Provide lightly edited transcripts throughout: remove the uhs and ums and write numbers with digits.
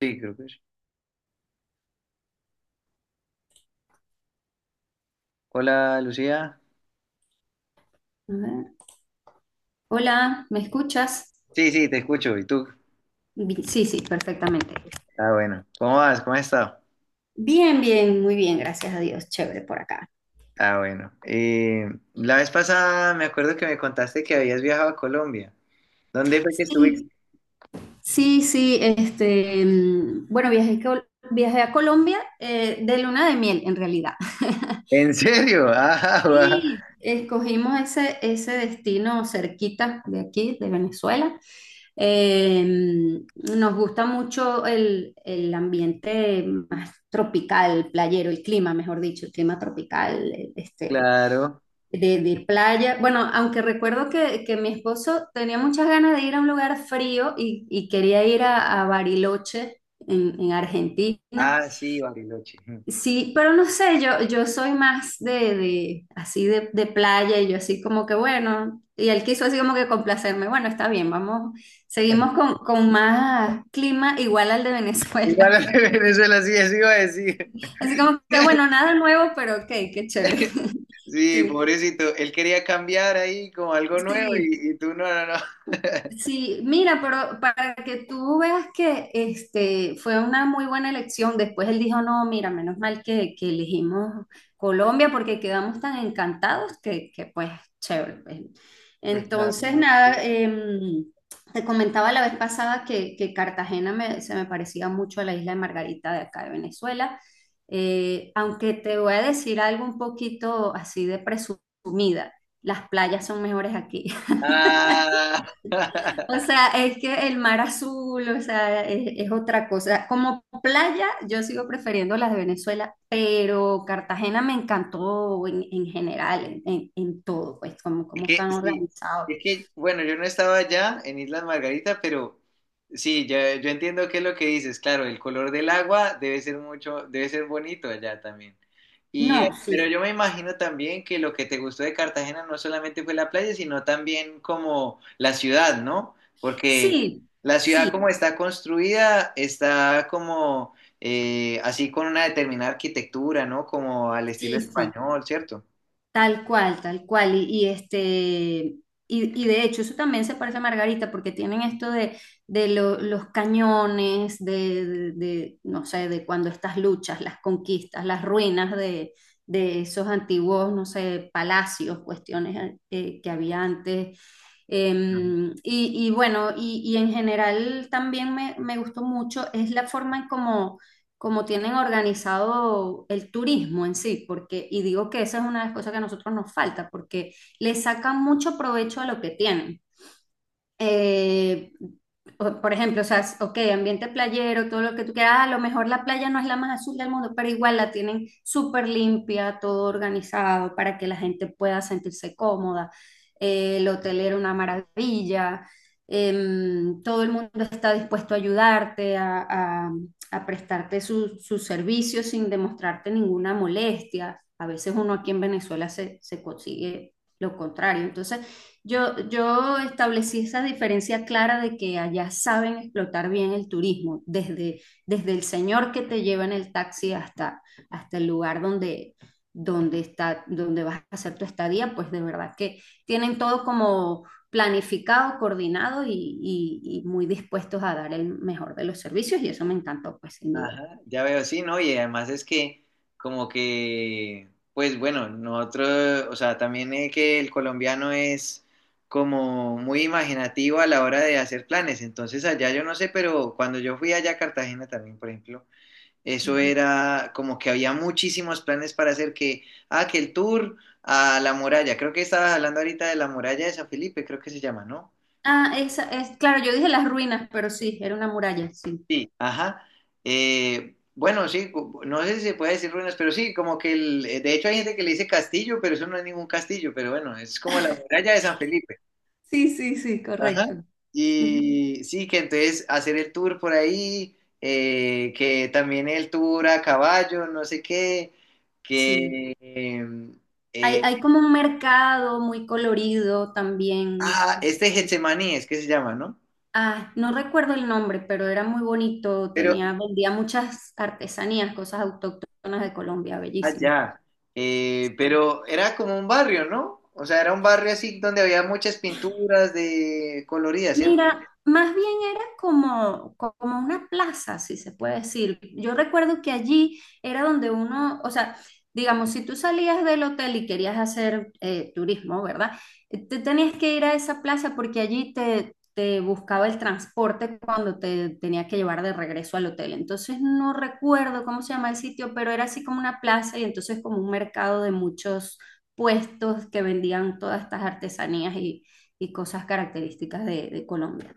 Sí, creo que sí. Hola, Lucía. A ver. Hola, ¿me escuchas? Sí, sí, te escucho. ¿Y tú? Sí, sí, perfectamente. Ah, bueno. ¿Cómo vas? ¿Cómo has estado? Bien, bien, muy bien, gracias a Dios, chévere por acá. Ah, bueno. La vez pasada me acuerdo que me contaste que habías viajado a Colombia. ¿Dónde fue que estuviste? Sí, sí, sí, este, bueno, viajé a Colombia de luna de miel, en realidad. ¿En serio? Ah, guau. Sí, escogimos ese destino cerquita de aquí, de Venezuela. Eh, nos gusta mucho el ambiente más tropical, playero, el clima, mejor dicho, el clima tropical, este, Claro. de playa. Bueno, aunque recuerdo que mi esposo tenía muchas ganas de ir a un lugar frío y quería ir a Bariloche en Argentina. Ah, sí, Bariloche. Sí, pero no sé, yo soy más de así de playa y yo así como que bueno, y él quiso así como que complacerme. Bueno, está bien, vamos, seguimos con más clima igual al de Igual Venezuela. al de Venezuela, sí, eso iba a decir. Así como que bueno, nada nuevo, pero ok, qué chévere. Sí, Sí, pobrecito. Él quería cambiar ahí como algo nuevo sí. y tú no, no, no. Sí, mira, pero para que tú veas que este fue una muy buena elección, después él dijo, no, mira, menos mal que elegimos Colombia porque quedamos tan encantados que pues, chévere, pues. Pues nada, Entonces, no. No. nada, te comentaba la vez pasada que Cartagena se me parecía mucho a la isla de Margarita de acá de Venezuela. Aunque te voy a decir algo un poquito así de presumida, las playas son mejores aquí. Ah. O sea, es que el mar azul, o sea, es otra cosa. Como playa, yo sigo prefiriendo las de Venezuela, pero Cartagena me encantó en general, en todo, pues, como, Es como que, están sí, organizados. es que, bueno, yo no estaba allá en Islas Margarita, pero sí, ya, yo entiendo qué es lo que dices. Claro, el color del agua debe ser mucho, debe ser bonito allá también. No, Y, sí, pero yo me imagino también que lo que te gustó de Cartagena no solamente fue la playa, sino también como la ciudad, ¿no? Porque sí, la ciudad sí, como está construida, está como así con una determinada arquitectura, ¿no? Como al estilo sí, sí. español, ¿cierto? Tal cual, tal cual. Y este, y, y de hecho, eso también se parece a Margarita, porque tienen esto de los cañones, de, no sé, de cuando estas luchas, las conquistas, las ruinas de esos antiguos, no sé, palacios, cuestiones que había antes eh, y, bueno, y en general también me gustó mucho es la forma en cómo como tienen organizado el turismo en sí, porque, y digo que esa es una de las cosas que a nosotros nos falta, porque le sacan mucho provecho a lo que tienen eh, por ejemplo, o sea, ok, ambiente playero, todo lo que tú quieras, ah, a lo mejor la playa no es la más azul del mundo, pero igual la tienen súper limpia, todo organizado para que la gente pueda sentirse cómoda. El hotel era una maravilla, todo el mundo está dispuesto a ayudarte, a prestarte sus servicios sin demostrarte ninguna molestia. A veces uno aquí en Venezuela se consigue lo contrario. Entonces, yo establecí esa diferencia clara de que allá saben explotar bien el turismo, desde el señor que te lleva en el taxi hasta el lugar donde vas a hacer tu estadía, pues de verdad que tienen todo como planificado, coordinado y muy dispuestos a dar el mejor de los servicios y eso me encantó, pues sin duda. Ajá, ya veo, sí, ¿no? Y además es que como que, pues bueno, nosotros, o sea, también es que el colombiano es como muy imaginativo a la hora de hacer planes. Entonces allá yo no sé, pero cuando yo fui allá a Cartagena también, por ejemplo, eso Ujú. era como que había muchísimos planes para hacer que, ah, que el tour a la muralla, creo que estabas hablando ahorita de la muralla de San Felipe, creo que se llama, ¿no? Ah, esa es, claro, yo dije las ruinas, pero sí, era una muralla, sí. Sí, ajá. Bueno, sí, no sé si se puede decir ruinas, pero sí, como que de hecho hay gente que le dice castillo, pero eso no es ningún castillo, pero bueno, es como la muralla de San Felipe. Sí, sí, sí, Ajá. correcto. Ujú. Y sí, que entonces hacer el tour por ahí, que también el tour a caballo, no sé qué, Sí. que... eh, Hay, eh, hay como un mercado muy colorido también. Este Getsemaní es que se llama, ¿no? Ah, no recuerdo el nombre, pero era muy bonito. Pero, Tenía, vendía muchas artesanías, cosas autóctonas de Colombia, bellísimo. allá. Sí. Pero era como un barrio, ¿no? O sea, era un barrio así donde había muchas pinturas de coloridas, ¿cierto? Mira, más bien era como una plaza, si se puede decir. Yo recuerdo que allí era donde uno, o sea, digamos, si tú salías del hotel y querías hacer turismo, ¿verdad? Te tenías que ir a esa plaza porque allí te buscaba el transporte cuando te tenía que llevar de regreso al hotel. Entonces no recuerdo cómo se llama el sitio, pero era así como una plaza y entonces como un mercado de muchos puestos que vendían todas estas artesanías y cosas características de Colombia.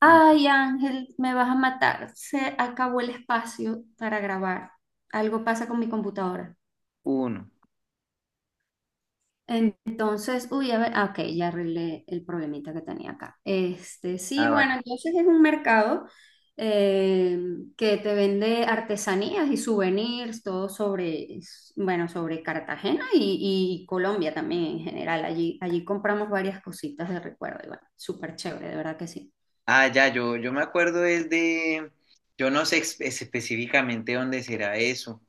Ay, Ángel, me vas a matar. Se acabó el espacio para grabar. Algo pasa con mi computadora. Uno. Entonces, uy, a ver, ah, ok, ya arreglé el problemita que tenía acá. Este, sí, Ah, bueno, vale. entonces es un mercado eh, que te vende artesanías y souvenirs, todo sobre, bueno, sobre Cartagena y Colombia también en general. Allí compramos varias cositas de recuerdo y bueno, súper chévere, de verdad que sí. Ah, ya, yo me acuerdo es de, yo no sé específicamente dónde será eso.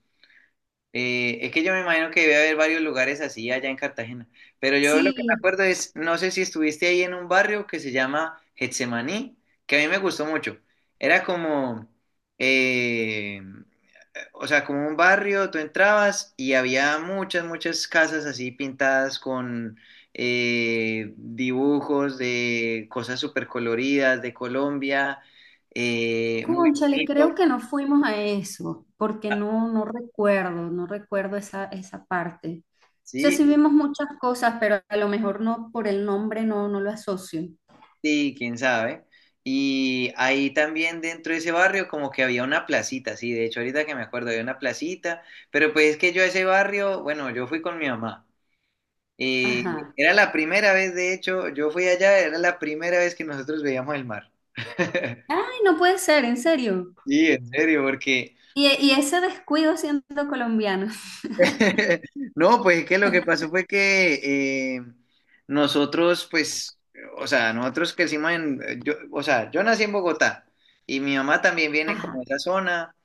Es que yo me imagino que debe haber varios lugares así allá en Cartagena. Pero yo lo que me Sí, acuerdo es, no sé si estuviste ahí en un barrio que se llama Getsemaní, que a mí me gustó mucho. Era como, eh, o sea, como un barrio, tú entrabas y había muchas, muchas casas así pintadas con dibujos de cosas súper coloridas de Colombia, muy cónchale, creo bonito, que no fuimos a eso, porque no, no recuerdo, no recuerdo esa parte. O sea, sí sí, vimos muchas cosas, pero a lo mejor no por el nombre no, no lo asocio. sí, quién sabe. Y ahí también dentro de ese barrio como que había una placita, sí, de hecho ahorita que me acuerdo había una placita, pero pues es que yo a ese barrio, bueno, yo fui con mi mamá. Y Ajá. era la primera vez, de hecho, yo fui allá, era la primera vez que nosotros veíamos el mar. Ay, no puede ser, en serio. Sí, en serio, porque. Y ese descuido siendo colombiano. No, pues es que lo que pasó fue que nosotros, pues, o sea, nosotros crecimos en. Yo, o sea, yo nací en Bogotá y mi mamá también viene como de Ajá. esa zona.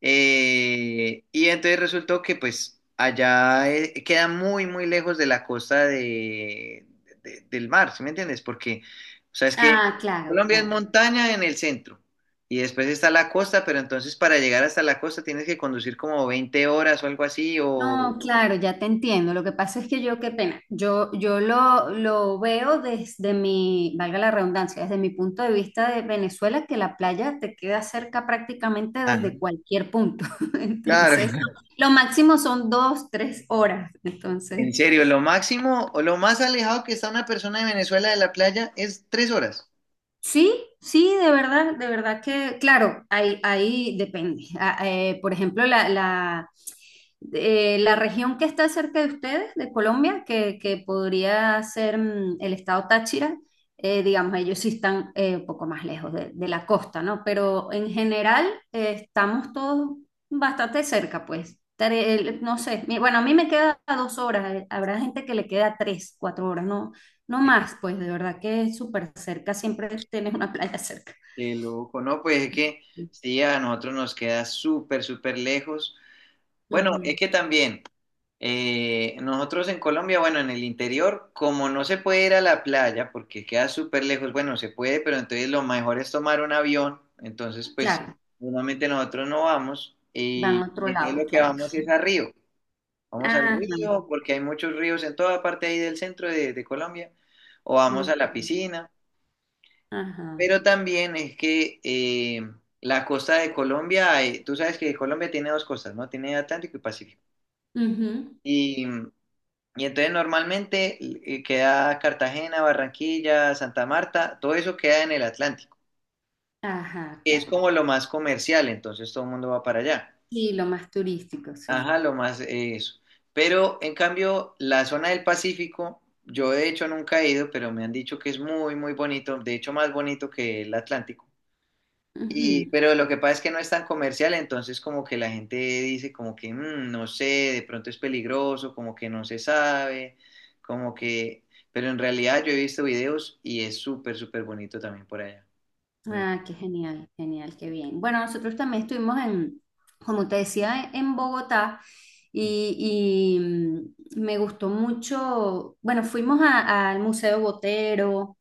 Y entonces resultó que pues allá queda muy, muy lejos de la costa del mar, ¿sí me entiendes? Porque, o sea, es que Ah, claro, Colombia es claro. montaña en el centro y después está la costa, pero entonces para llegar hasta la costa tienes que conducir como 20 horas o algo así, o. No, claro, ya te entiendo. Lo que pasa es que yo, qué pena, yo lo veo desde mi, valga la redundancia, desde mi punto de vista de Venezuela, que la playa te queda cerca prácticamente Ajá, desde cualquier punto. claro, Entonces, lo máximo son 2, 3 horas. Entonces, en serio, lo máximo o lo más alejado que está una persona de Venezuela de la playa es 3 horas. sí, sí, de verdad que, claro, ahí depende. Ah, por ejemplo, la región que está cerca de ustedes, de Colombia, que podría ser el estado Táchira, Digamos, ellos sí están un poco más lejos de la costa, ¿no? Pero en general estamos todos bastante cerca, pues. No sé, bueno, a mí me queda 2 horas, habrá gente que le queda 3, 4 horas, ¿no? No más, pues de verdad que es súper cerca, siempre tienes una playa cerca. Qué loco, no, pues es que sí, a nosotros nos queda súper, súper lejos. Bueno, es Ujú, que también nosotros en Colombia, bueno, en el interior, como no se puede ir a la playa porque queda súper lejos, bueno, se puede, pero entonces lo mejor es tomar un avión. Entonces, pues, claro, normalmente nosotros no vamos van a y otro entonces lo lado, que claro. vamos es a Río. Vamos al Ajá, río porque hay muchos ríos en toda parte ahí del centro de Colombia o vamos ujú, a la piscina. ajá, Pero también es que la costa de Colombia, tú sabes que Colombia tiene dos costas, ¿no? Tiene Atlántico y Pacífico. ujú, Y, mm, y entonces normalmente queda Cartagena, Barranquilla, Santa Marta, todo eso queda en el Atlántico, ajá, que es claro. como lo más comercial, entonces todo el mundo va para allá. Sí, lo más turístico, Ajá, sí. lo más eso. Pero en cambio, la zona del Pacífico, yo de hecho nunca he ido, pero me han dicho que es muy, muy bonito, de hecho más bonito que el Atlántico. Y, Ujú. pero lo que pasa es que no es tan comercial, entonces como que la gente dice como que "Mm, no sé, de pronto es peligroso, como que no se sabe, como que. Pero en realidad yo he visto videos y es súper, súper bonito también por allá. Ah, qué genial, genial, qué bien. Bueno, nosotros también estuvimos en, como te decía, en Bogotá y, y me gustó mucho, bueno, fuimos al Museo Botero.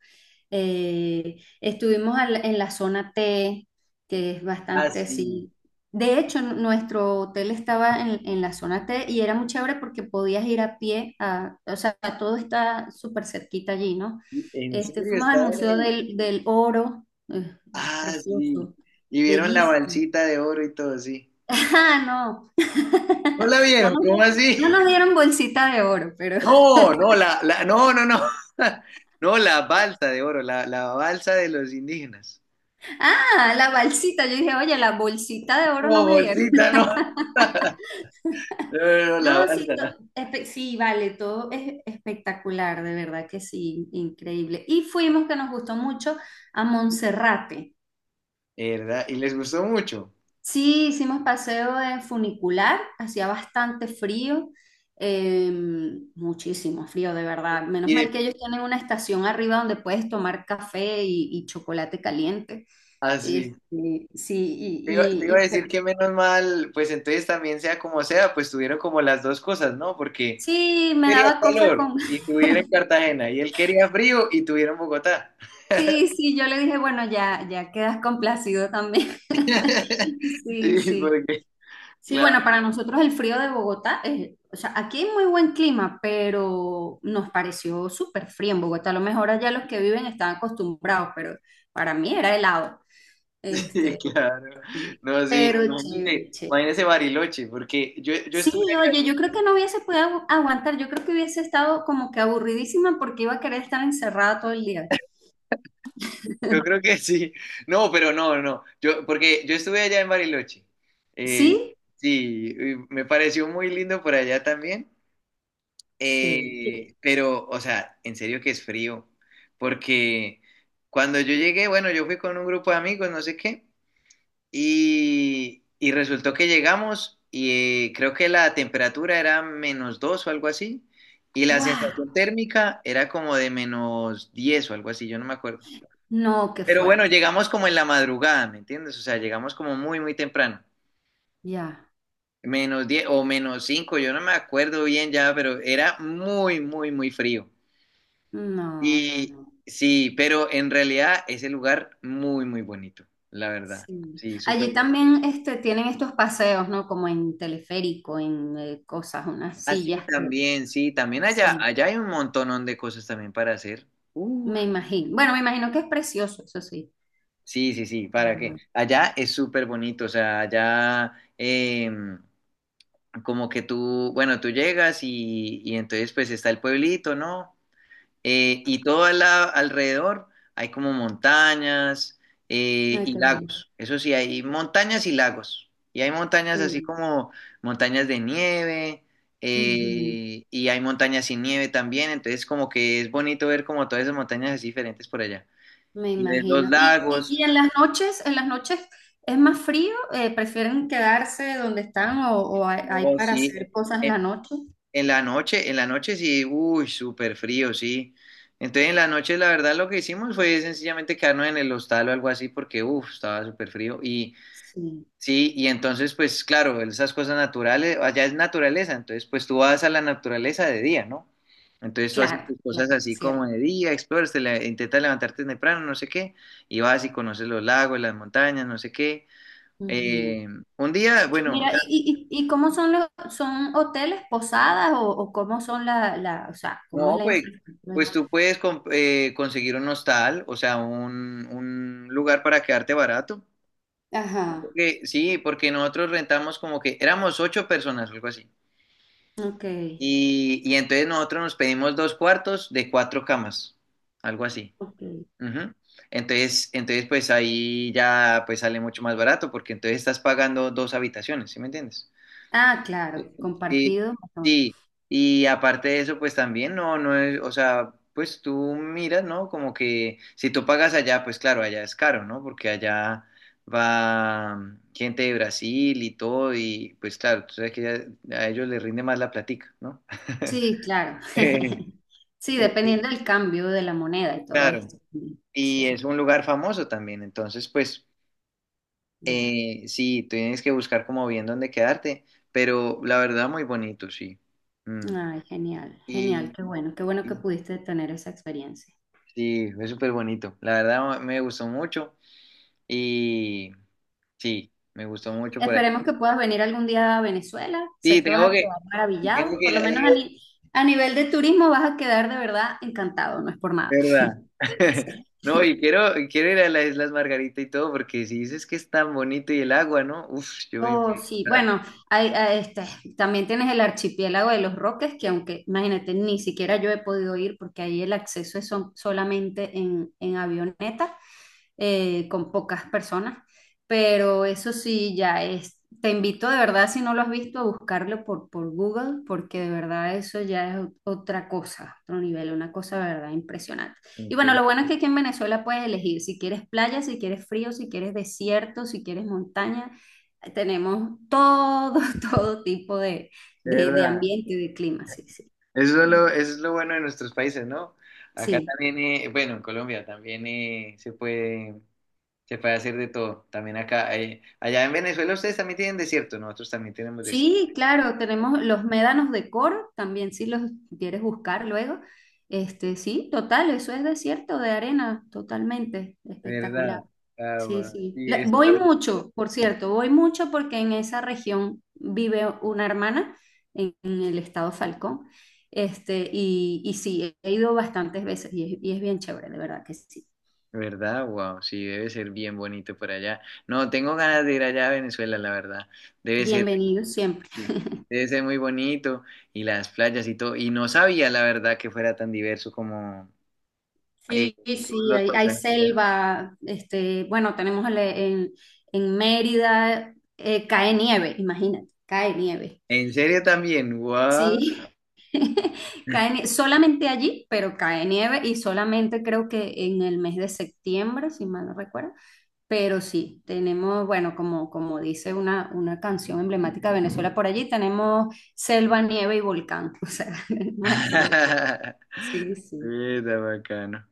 Estuvimos en la zona T, que es Ah, bastante sí. así. De hecho, nuestro hotel estaba en la zona T y era muy chévere porque podías ir a pie, o sea, todo está súper cerquita allí, ¿no? ¿En Este, serio fuimos al estaban Museo ahí? del Oro, es Ah, sí. precioso, Y vieron la bellísimo. balsita de oro y todo, sí. Ah, no. ¿No la No vieron? nos, ¿Cómo di- no así? nos dieron bolsita de oro, pero... No, no, la, no, no, no. No, la balsa de oro, la balsa de los indígenas. Ah, la bolsita. Yo dije, oye, la bolsita de oro no No, me dieron. bolsita, no. No, no, no, la No, sí, balsa, sí, vale, todo es espectacular, de verdad que sí, increíble. Y fuimos, que nos gustó mucho, a Monserrate. ¿verdad? Y les gustó mucho. Sí, hicimos paseo en funicular, hacía bastante frío, eh, muchísimo frío, de verdad. Menos Y mal que de. ellos tienen una estación arriba donde puedes tomar café y chocolate caliente. Así. Este, sí, Te iba, te y, y- iba a y decir que menos mal, pues entonces también sea como sea, pues tuvieron como las dos cosas, ¿no? Porque sí, yo me quería daba cosas. calor y tuvieron en Cartagena, y él quería frío y tuvieron Bogotá. Sí, sí, yo le dije, bueno, ya, ya quedas complacido también. Sí, Sí, sí. porque, Sí, claro, bueno, para nosotros el frío de Bogotá, o sea, aquí hay muy buen clima, pero nos pareció súper frío en Bogotá. A lo mejor allá los que viven están acostumbrados, pero para mí era helado. sí, Este, claro. sí. No, sí, Pero imagínese, chévere, chévere. imagínese Bariloche, porque yo, Sí, estuve. oye, yo creo que no hubiese podido aguantar. Yo creo que hubiese estado como que aburridísima porque iba a querer estar encerrada todo el día. Yo creo que sí. No, pero no, no. Yo, porque yo estuve allá en Bariloche. Eh, ¿Sí? sí, y me pareció muy lindo por allá también. Sí. Pero, o sea, en serio que es frío. Porque cuando yo llegué, bueno, yo fui con un grupo de amigos, no sé qué, y resultó que llegamos y creo que la temperatura era -2 o algo así, y la ¡Guau! sensación térmica era como de -10 o algo así, yo no me acuerdo. No, qué Pero bueno, fuerte. llegamos como en la madrugada, ¿me entiendes? O sea, llegamos como muy, muy temprano. Ya. -10 o -5, yo no me acuerdo bien ya, pero era muy, muy, muy frío. No, no, Y no. sí, pero en realidad ese lugar muy, muy bonito, la verdad. Sí. Sí, súper Allí bonito. también este, tienen estos paseos, ¿no? Como en teleférico, en cosas, unas Así sillas que... también, sí, también allá, Sí, allá hay un montonón de cosas también para hacer. Uf, me imagino. Bueno, me imagino que es precioso, eso sí. sí, sí, sí, para que Pero, allá es súper bonito, o sea, como que tú, bueno, tú llegas y entonces pues está el pueblito, ¿no? Y todo alrededor hay como montañas ay, y qué bello, lagos. Eso sí, hay montañas y lagos. Y hay qué montañas así bello. como montañas de nieve Ujú. Y hay montañas sin nieve también. Entonces como que es bonito ver como todas esas montañas así diferentes por allá. Me Y ves los imagino. ¿Y, y- lagos. y en las noches es más frío? ¿Prefieren quedarse donde están o hay Oh, para sí. hacer cosas en la Eh, noche? En la noche sí, uy, súper frío, sí. Entonces en la noche la verdad lo que hicimos fue sencillamente quedarnos en el hostal o algo así porque, uff, estaba súper frío. Y Sí, sí, y entonces pues claro, esas cosas naturales, allá es naturaleza, entonces pues tú vas a la naturaleza de día, ¿no? Entonces tú haces claro, tus cosas claro, así como cierto. de día, exploras, intentas levantarte temprano, no sé qué, y vas y conoces los lagos, las montañas, no sé qué. Eh, un día, bueno, Mira, ¿y cómo son hoteles, posadas o cómo son la, o sea, cómo es no, la pues, infraestructura? pues tú puedes conseguir un hostal, o sea, un lugar para quedarte barato. Ajá, Sí, porque nosotros rentamos como que éramos ocho personas, algo así. ok, Y entonces nosotros nos pedimos dos cuartos de cuatro camas, algo así. ok. Ujú. Entonces, pues ahí ya pues sale mucho más barato, porque entonces estás pagando dos habitaciones, ¿sí me entiendes? Ah, claro, Sí, compartido, mejor. sí. Y aparte de eso, pues también no, no es, o sea, pues tú miras, ¿no? Como que si tú pagas allá, pues claro, allá es caro, ¿no? Porque allá va gente de Brasil y todo, y pues claro, tú sabes que a ellos les rinde más la platica, ¿no? Sí, claro. Eh, Sí, eh, dependiendo del cambio de la moneda y todo Claro. esto. Y Sí, es un lugar famoso también, entonces pues ya. Sí, tienes que buscar como bien dónde quedarte, pero la verdad muy bonito, sí. Mm. Ay, genial, genial, Y, qué bueno que pudiste tener esa experiencia. Sí, fue súper bonito. La verdad me gustó mucho y sí, me gustó mucho por ahí. Esperemos que puedas venir algún día a Venezuela. Sí, Sé que vas tengo a que, quedar tengo maravillado. que Por ir lo a menos a, la. ni- a nivel de turismo vas a quedar de verdad encantado, no es por nada. ¿Verdad? Sí. No, y quiero ir a las Islas Margarita y todo, porque si dices que es tan bonito y el agua, ¿no? Uf, yo me Oh, imagino. sí, bueno, hay, este, también tienes el archipiélago de los Roques, que aunque, imagínate, ni siquiera yo he podido ir porque ahí el acceso es solamente en avioneta, con pocas personas, pero eso sí, ya es, te invito de verdad, si no lo has visto, a buscarlo por Google, porque de verdad eso ya es otra cosa, otro nivel, una cosa de verdad impresionante. Y bueno, Sí, lo bueno es que aquí en Venezuela puedes elegir si quieres playa, si quieres frío, si quieres desierto, si quieres montaña. Tenemos todo, todo tipo de, de de, de ¿Verdad? ambiente y de clima, sí, sí. Eso es lo bueno de nuestros países, ¿no? Acá Sí, también, bueno, en Colombia también se puede, hacer de todo. También acá, allá en Venezuela ustedes también tienen desierto, nosotros también tenemos desierto. sí, claro, tenemos los médanos de Coro, también si los quieres buscar luego. Este, sí, total, eso es desierto de arena, totalmente espectacular. ¿Verdad? Ah, Sí, guau. sí. Y La- eso es lo. voy mucho, por cierto, voy mucho porque en esa región vive una hermana en el estado Falcón. Este, y sí, he ido bastantes veces y es bien chévere, de verdad que sí. ¿Verdad? Wow, sí, debe ser bien bonito por allá. No, tengo ganas de ir allá a Venezuela, la verdad. Debe ser, Bienvenidos siempre. sí, debe ser muy bonito y las playas y todo. Y no sabía, la verdad, que fuera tan diverso como eh, Sí, todos sí, los hay paisajes allá. selva, este, bueno, tenemos en Mérida, cae nieve, imagínate, cae nieve. ¿En serio también? Wow. Sí, solamente allí, pero cae nieve y solamente creo que en el mes de septiembre, si mal no recuerdo. Pero sí, tenemos, bueno, como dice una canción emblemática de Venezuela por allí, tenemos selva, nieve y volcán. O sea, tenemos aquí de todo. Sí, sí, Está bacano.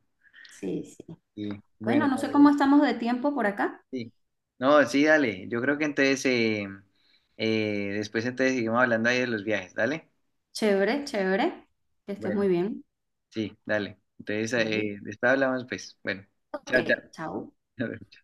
sí, sí. Sí, bueno. Bueno, no sé cómo estamos de tiempo por acá. Sí. No, sí, dale. Yo creo que entonces, después entonces seguimos hablando ahí de los viajes, ¿dale? Chévere, chévere. Que estés Bueno, muy bien. sí, dale. Entonces, Bye. Después hablamos, pues. Bueno, chao, Ok, chao. chao.